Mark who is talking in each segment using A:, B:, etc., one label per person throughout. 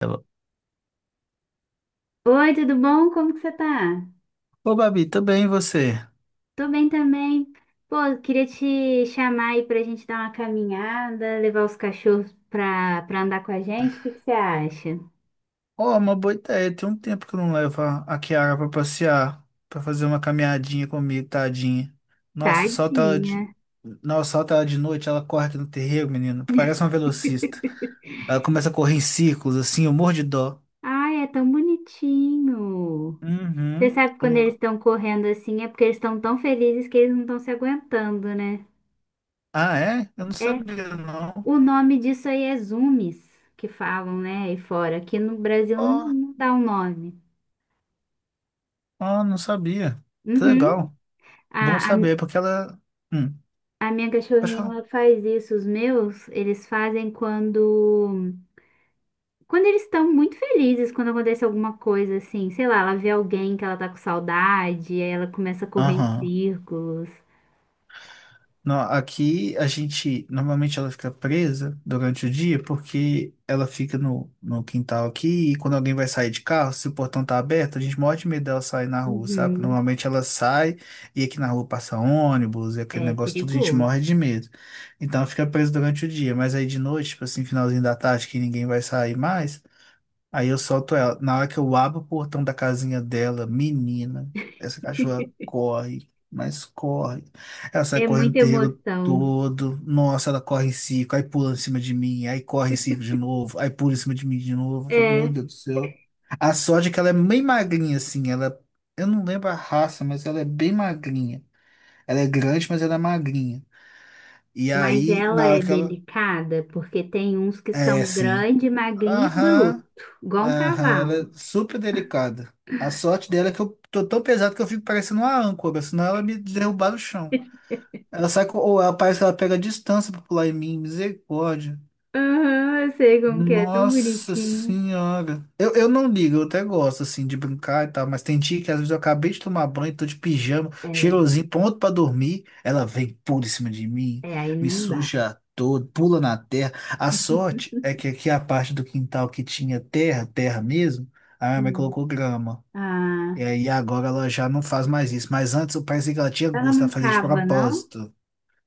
A: Ela.
B: Oi, tudo bom? Como que você tá?
A: Ô, Babi, tudo bem você?
B: Tô bem também. Pô, eu queria te chamar aí pra gente dar uma caminhada, levar os cachorros pra andar com a gente. O que que você acha?
A: Ó, uma boa ideia. Tem um tempo que eu não levo a Kiara pra passear, pra fazer uma caminhadinha comigo, tadinha. Nossa, solta ela
B: Tadinha.
A: de... Nossa, solta ela de noite, ela corre aqui no terreiro, menino. Parece uma velocista. Ela começa a correr em círculos, assim, eu morro de dó.
B: Ai, é tão bonitinho. Você
A: Uhum.
B: sabe que
A: Eu
B: quando eles
A: não-
B: estão correndo assim é porque eles estão tão felizes que eles não estão se aguentando, né?
A: Ah, é? Eu não
B: É,
A: sabia, não.
B: o nome disso aí é zoomies, que falam, né, aí fora. Aqui no Brasil não,
A: Ó,
B: não dá um nome.
A: ó, não sabia. Que
B: Uhum.
A: legal. Bom
B: A, a
A: saber, porque ela... Hum,
B: A minha
A: pode
B: cachorrinha
A: falar.
B: ela faz isso, os meus, eles fazem quando eles estão muito felizes, quando acontece alguma coisa assim, sei lá, ela vê alguém que ela tá com saudade, aí ela começa a correr em
A: Aham.
B: círculos.
A: Não, aqui a gente, normalmente ela fica presa durante o dia porque ela fica no quintal aqui e quando alguém vai sair de carro, se o portão tá aberto, a gente morre de medo dela sair na rua, sabe?
B: Uhum.
A: Normalmente ela sai e aqui na rua passa ônibus e aquele
B: É
A: negócio todo, a gente
B: perigoso.
A: morre de medo. Então ela fica presa durante o dia, mas aí de noite, tipo assim, finalzinho da tarde que ninguém vai sair mais, aí eu solto ela. Na hora que eu abro o portão da casinha dela, menina, essa cachorra corre, mas corre. Ela sai
B: É
A: correndo o
B: muita
A: terreiro
B: emoção.
A: todo. Nossa, ela corre em circo, aí pula em cima de mim, aí corre em circo de novo, aí pula em cima de mim de novo. Eu falo, meu
B: É,
A: Deus do céu. A sorte é que ela é bem magrinha, assim. Ela, eu não lembro a raça, mas ela é bem magrinha. Ela é grande, mas ela é magrinha. E
B: mas
A: aí,
B: ela
A: na
B: é
A: hora que ela.
B: delicada porque tem uns que
A: É,
B: são
A: sim.
B: grande, magrinho e
A: Aham.
B: bruto, igual um
A: Aham, ela
B: cavalo.
A: é super delicada. A sorte dela é que eu tô tão pesado que eu fico parecendo uma âncora, senão ela me derrubar no chão. Ela sai com, ou ela parece que ela pega a distância pra pular em mim, misericórdia.
B: Aham, eu sei como que é, tão
A: Nossa
B: bonitinho.
A: senhora. Eu não ligo, eu até gosto assim de brincar e tal, mas tem dia que às vezes eu acabei de tomar banho, tô de pijama,
B: É,
A: cheirosinho, pronto pra dormir. Ela vem pula em cima de mim,
B: é, aí
A: me
B: não dá.
A: suja todo, pula na terra. A sorte é que aqui é a parte do quintal que tinha terra, terra mesmo, a minha mãe colocou grama. E
B: Ah,
A: aí agora ela já não faz mais isso, mas antes eu parecia que ela tinha
B: ela
A: gosto, ela
B: não
A: fazia de
B: cava, não?
A: propósito.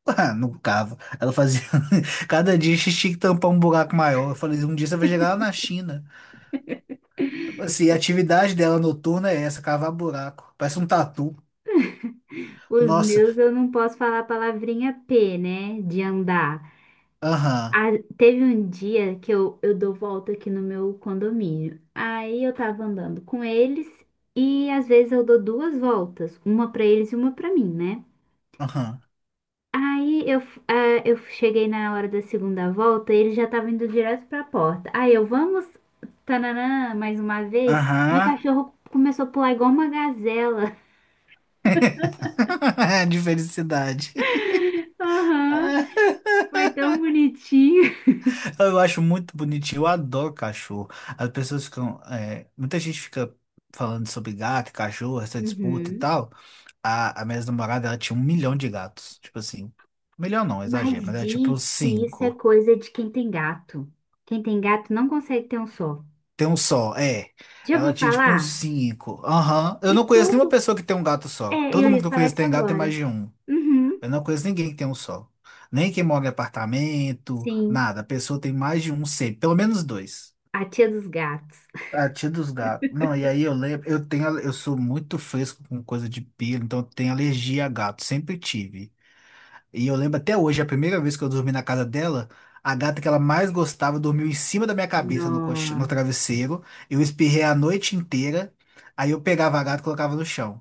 A: Ah, não cava. Ela fazia. Cada dia a gente tinha que tampar um buraco maior. Eu falei, um dia você vai chegar lá na China. Tipo assim, a atividade dela noturna é essa, cavar buraco. Parece um tatu.
B: Os
A: Nossa.
B: meus eu não posso falar a palavrinha P, né? De andar.
A: Aham.
B: Ah, teve um dia que eu dou volta aqui no meu condomínio. Aí eu tava andando com eles e às vezes eu dou duas voltas, uma pra eles e uma pra mim, né?
A: Aham.
B: Aí eu, f- ah, Eu cheguei na hora da segunda volta e eles já estavam indo direto pra porta. Aí eu, vamos, tananã, mais uma vez. Meu
A: Aham.
B: cachorro começou a pular igual uma gazela.
A: De felicidade.
B: Aham. Foi tão bonitinho.
A: Eu acho muito bonitinho. Eu adoro cachorro. As pessoas ficam. É, muita gente fica falando sobre gato, cachorro, essa disputa e
B: Uhum.
A: tal. A minha namorada, ela tinha um milhão de gatos. Tipo assim, milhão não, exagero,
B: Mas
A: mas era tipo
B: diz
A: uns
B: que isso é
A: cinco.
B: coisa de quem tem gato. Quem tem gato não consegue ter um só.
A: Tem um só, é.
B: Já ouviu
A: Ela tinha tipo
B: falar?
A: uns cinco. Aham. Eu
B: E
A: não conheço nenhuma
B: todo.
A: pessoa que tem um gato
B: É,
A: só.
B: eu
A: Todo mundo
B: ia
A: que eu
B: falar
A: conheço
B: isso
A: tem gato tem
B: agora.
A: mais de um.
B: Uhum,
A: Eu não conheço ninguém que tem um só. Nem quem mora em apartamento,
B: sim,
A: nada. A pessoa tem mais de um sempre, pelo menos dois.
B: a tia dos gatos.
A: A tia dos gatos. Não, e aí eu lembro, eu tenho, eu sou muito fresco com coisa de pelo, então eu tenho alergia a gato, sempre tive. E eu lembro até hoje, a primeira vez que eu dormi na casa dela, a gata que ela mais gostava dormiu em cima da minha cabeça no, no
B: Nossa.
A: travesseiro. Eu espirrei a noite inteira. Aí eu pegava a gata e colocava no chão.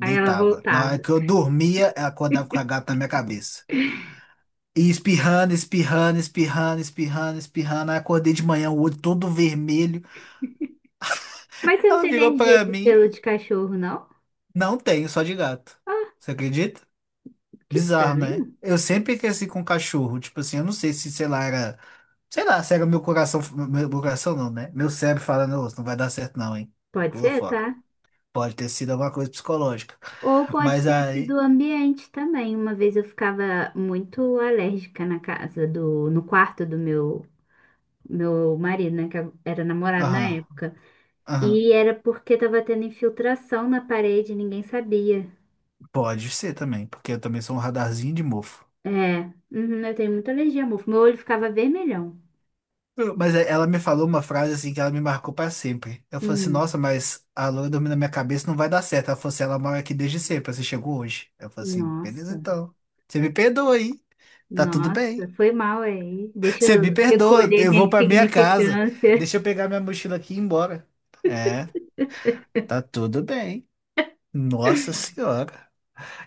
B: Aí ela
A: Na hora
B: voltava.
A: que eu dormia, ela acordava com a gata na minha cabeça. E espirrando, espirrando, espirrando, espirrando, espirrando. Aí acordei de manhã, o olho todo vermelho.
B: Mas você não
A: Ela
B: tem
A: virou
B: alergia
A: pra
B: de
A: mim.
B: pelo de cachorro, não?
A: Não tenho, só de gato.
B: Ah,
A: Você acredita?
B: que
A: Bizarro,
B: estranho.
A: né? Eu sempre cresci com cachorro. Tipo assim, eu não sei se, sei lá, era. Sei lá, cega meu coração, meu coração não, né? Meu cérebro falando, "Ô, não vai dar certo não, hein?
B: Pode
A: Pula
B: ser,
A: fora.
B: tá?
A: Pode ter sido alguma coisa psicológica.
B: Ou pode
A: Mas
B: ter
A: aí,
B: sido o ambiente também. Uma vez eu ficava muito alérgica na casa do, no quarto do meu marido, né, que era namorado na
A: aham,
B: época.
A: aham,
B: E era porque tava tendo infiltração na parede, e ninguém sabia.
A: pode ser também, porque eu também sou um radarzinho de mofo.
B: É, uhum, eu tenho muita alergia a mofo. Meu olho ficava vermelhão.
A: Ela me falou uma frase assim que ela me marcou pra sempre. Eu falei assim,
B: Hum,
A: nossa, mas a loira dormiu na minha cabeça, não vai dar certo. Ela falou assim, ela mora aqui desde sempre, você chegou hoje. Eu falei assim, beleza
B: nossa,
A: então. Você me perdoa, hein? Tá tudo
B: nossa,
A: bem.
B: foi mal aí. Deixa
A: Você me
B: eu
A: perdoa,
B: recolher
A: eu
B: minha
A: vou pra minha casa.
B: insignificância.
A: Deixa eu pegar minha mochila aqui e ir embora. É, tá tudo bem. Nossa senhora.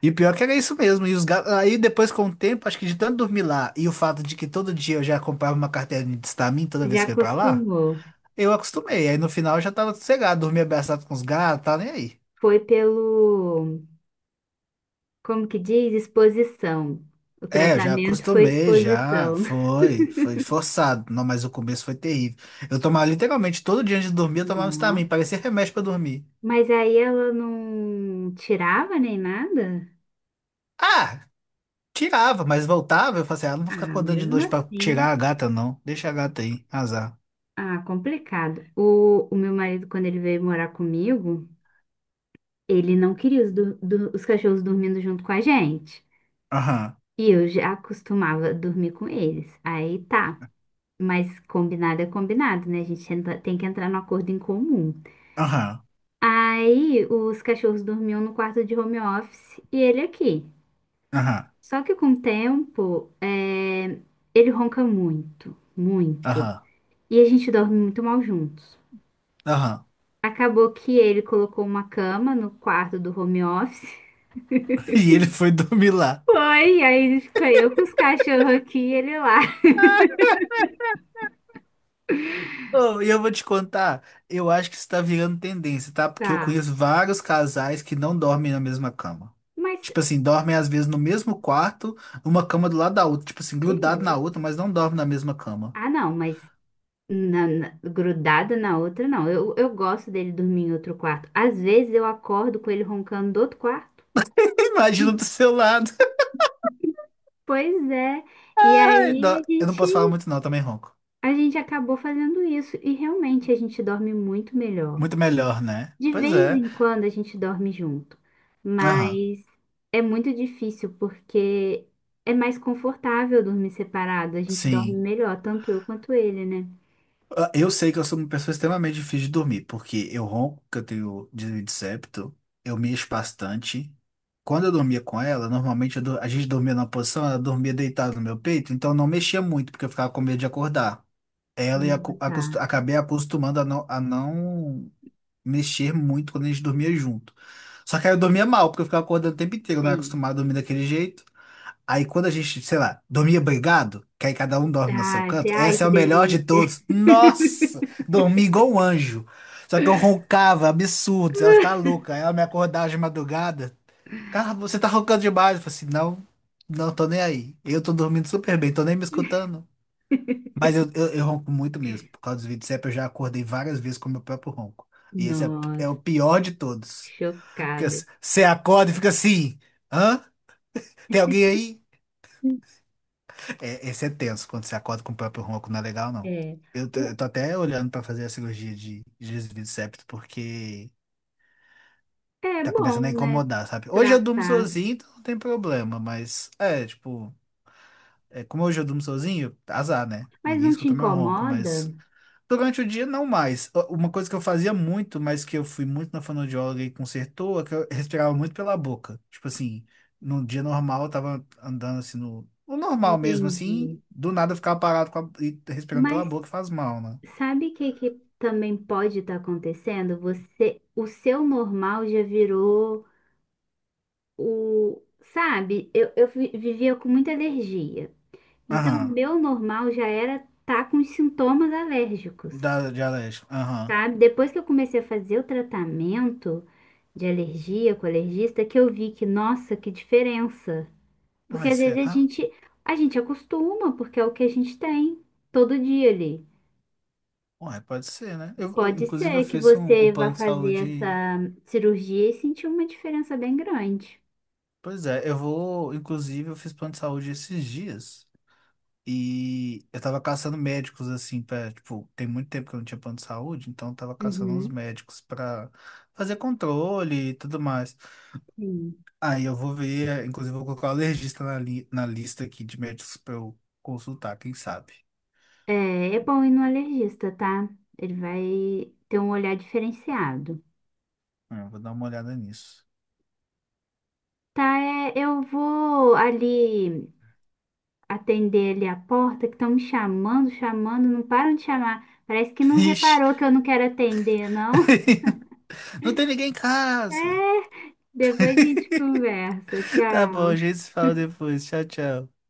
A: E o pior que era isso mesmo. Aí depois, com o tempo, acho que de tanto dormir lá e o fato de que todo dia eu já comprava uma cartelinha de Stamin toda
B: Já
A: vez que eu ia pra lá,
B: acostumou.
A: eu acostumei. Aí no final eu já tava sossegado, dormia abraçado com os gatos, tá nem aí.
B: Foi pelo, Como que diz? Exposição. O
A: É, eu já
B: tratamento foi
A: acostumei, já.
B: exposição.
A: Foi, foi forçado. Não, mas o começo foi terrível. Eu tomava literalmente todo dia antes de dormir, eu tomava Stamin,
B: Nossa.
A: parecia remédio pra dormir.
B: Mas aí ela não tirava nem nada?
A: Ah! Tirava, mas voltava. Eu falei assim, ah, não vou
B: Ah,
A: ficar acordando de
B: mesmo
A: noite pra
B: assim.
A: tirar a gata, não. Deixa a gata aí, azar.
B: Ah, complicado. O meu marido, quando ele veio morar comigo, ele não queria os cachorros dormindo junto com a gente.
A: Aham,
B: E eu já costumava dormir com eles. Aí tá. Mas combinado é combinado, né? A gente tem que entrar no acordo em comum.
A: aham,
B: Aí os cachorros dormiam no quarto de home office e ele aqui.
A: aham,
B: Só que com o tempo, ele ronca muito, muito.
A: aham,
B: E a gente dorme muito mal juntos.
A: aham.
B: Acabou que ele colocou uma cama no quarto do home office.
A: E ele foi dormir lá.
B: Foi, e aí fica eu com os cachorros aqui e ele lá.
A: Oh, e eu vou te contar, eu acho que isso tá virando tendência, tá? Porque eu
B: Tá.
A: conheço vários casais que não dormem na mesma cama.
B: Mas
A: Tipo assim, dormem às vezes no mesmo quarto, uma cama do lado da outra, tipo assim,
B: que
A: grudado na outra,
B: isso?
A: mas não dormem na mesma cama.
B: Ah, não, mas grudada na outra, não. Eu gosto dele dormir em outro quarto. Às vezes eu acordo com ele roncando do outro quarto.
A: Imagina do seu lado.
B: Pois é. E
A: Ai,
B: aí
A: dó. Eu não posso falar muito não, eu também ronco.
B: a gente acabou fazendo isso. E realmente a gente dorme muito melhor.
A: Muito melhor, né?
B: De
A: Pois
B: vez
A: é.
B: em quando a gente dorme junto,
A: Aham.
B: mas é muito difícil porque é mais confortável dormir separado, a gente dorme
A: Sim.
B: melhor, tanto eu quanto ele, né?
A: Ah, eu sei que eu sou uma pessoa extremamente difícil de dormir, porque eu ronco, que eu tenho desvio de septo, eu mexo bastante. Quando eu dormia com ela, normalmente a gente dormia numa posição, ela dormia deitada no meu peito, então eu não mexia muito, porque eu ficava com medo de acordar. Ela
B: Tá,
A: acabei acostumando a não mexer muito quando a gente dormia junto. Só que aí eu dormia mal, porque eu ficava acordando o tempo inteiro, eu não era
B: sim.
A: acostumado a dormir daquele jeito. Aí quando a gente, sei lá, dormia brigado, que aí cada um dorme no seu
B: Ah, esse-
A: canto,
B: ai,
A: essa é
B: que
A: o melhor de
B: delícia.
A: todos. Nossa, dormi igual um anjo. Só que eu roncava, absurdos, ela ficava louca. Aí ela me acordava de madrugada. Cara, você tá roncando demais. Eu falei assim, não, não tô nem aí. Eu tô dormindo super bem, tô nem me escutando. Mas eu ronco muito mesmo. Por causa dos vídeos eu já acordei várias vezes com o meu próprio ronco. E esse é, é
B: Nossa,
A: o pior de todos. Porque
B: chocada.
A: você acorda e fica assim, hã? Tem alguém aí? É, esse é tenso, quando você acorda com o próprio ronco, não é legal, não.
B: É,
A: Eu tô, eu
B: o,
A: tô até olhando pra fazer a cirurgia de desvio de septo, porque
B: é
A: tá começando a
B: bom, né?
A: incomodar, sabe? Hoje eu durmo
B: Tratar.
A: sozinho, então não tem problema, mas é, tipo, é, como hoje eu durmo sozinho, azar, né?
B: Mas
A: Ninguém
B: não te
A: escuta meu ronco, mas
B: incomoda?
A: durante o dia, não mais. Uma coisa que eu fazia muito, mas que eu fui muito na fonoaudióloga e consertou, é que eu respirava muito pela boca. Tipo assim, num dia normal, eu tava andando assim no, no normal mesmo, assim,
B: Entendi.
A: do nada eu ficava parado com e respirando
B: Mas
A: pela boca faz mal, né?
B: sabe o que, que também pode estar acontecendo? Você, o seu normal já virou o, sabe? Vivia com muita alergia. Então, o
A: Aham.
B: meu normal já era tá com os sintomas alérgicos,
A: Da, de alérgico. Aham.
B: sabe? Depois que eu comecei a fazer o tratamento de alergia com alergista, que eu vi que, nossa, que diferença. Porque
A: Uai,
B: às vezes
A: será?
B: a gente acostuma, porque é o que a gente tem todo dia ali.
A: Uai, pode ser, né? Eu,
B: Pode
A: inclusive, eu
B: ser que
A: fiz um, o
B: você vá
A: plano de
B: fazer
A: saúde.
B: essa cirurgia e sentir uma diferença bem grande.
A: Pois é, eu vou. Inclusive, eu fiz plano de saúde esses dias. E eu tava caçando médicos, assim, pra, tipo, tem muito tempo que eu não tinha plano de saúde, então eu tava caçando uns
B: Uhum,
A: médicos pra fazer controle e tudo mais.
B: sim.
A: Aí eu vou ver, inclusive eu vou colocar o alergista na, li na lista aqui de médicos pra eu consultar, quem sabe?
B: É, é bom ir no alergista, tá? Ele vai ter um olhar diferenciado.
A: Eu vou dar uma olhada nisso.
B: Tá, é, eu vou ali atender ali a porta, que estão me chamando, chamando, não param de chamar. Parece que não
A: Ixi.
B: reparou que eu não quero atender, não.
A: Não tem ninguém em casa!
B: É, depois a gente conversa.
A: Tá bom, a
B: Tchau.
A: gente se fala depois. Tchau, tchau.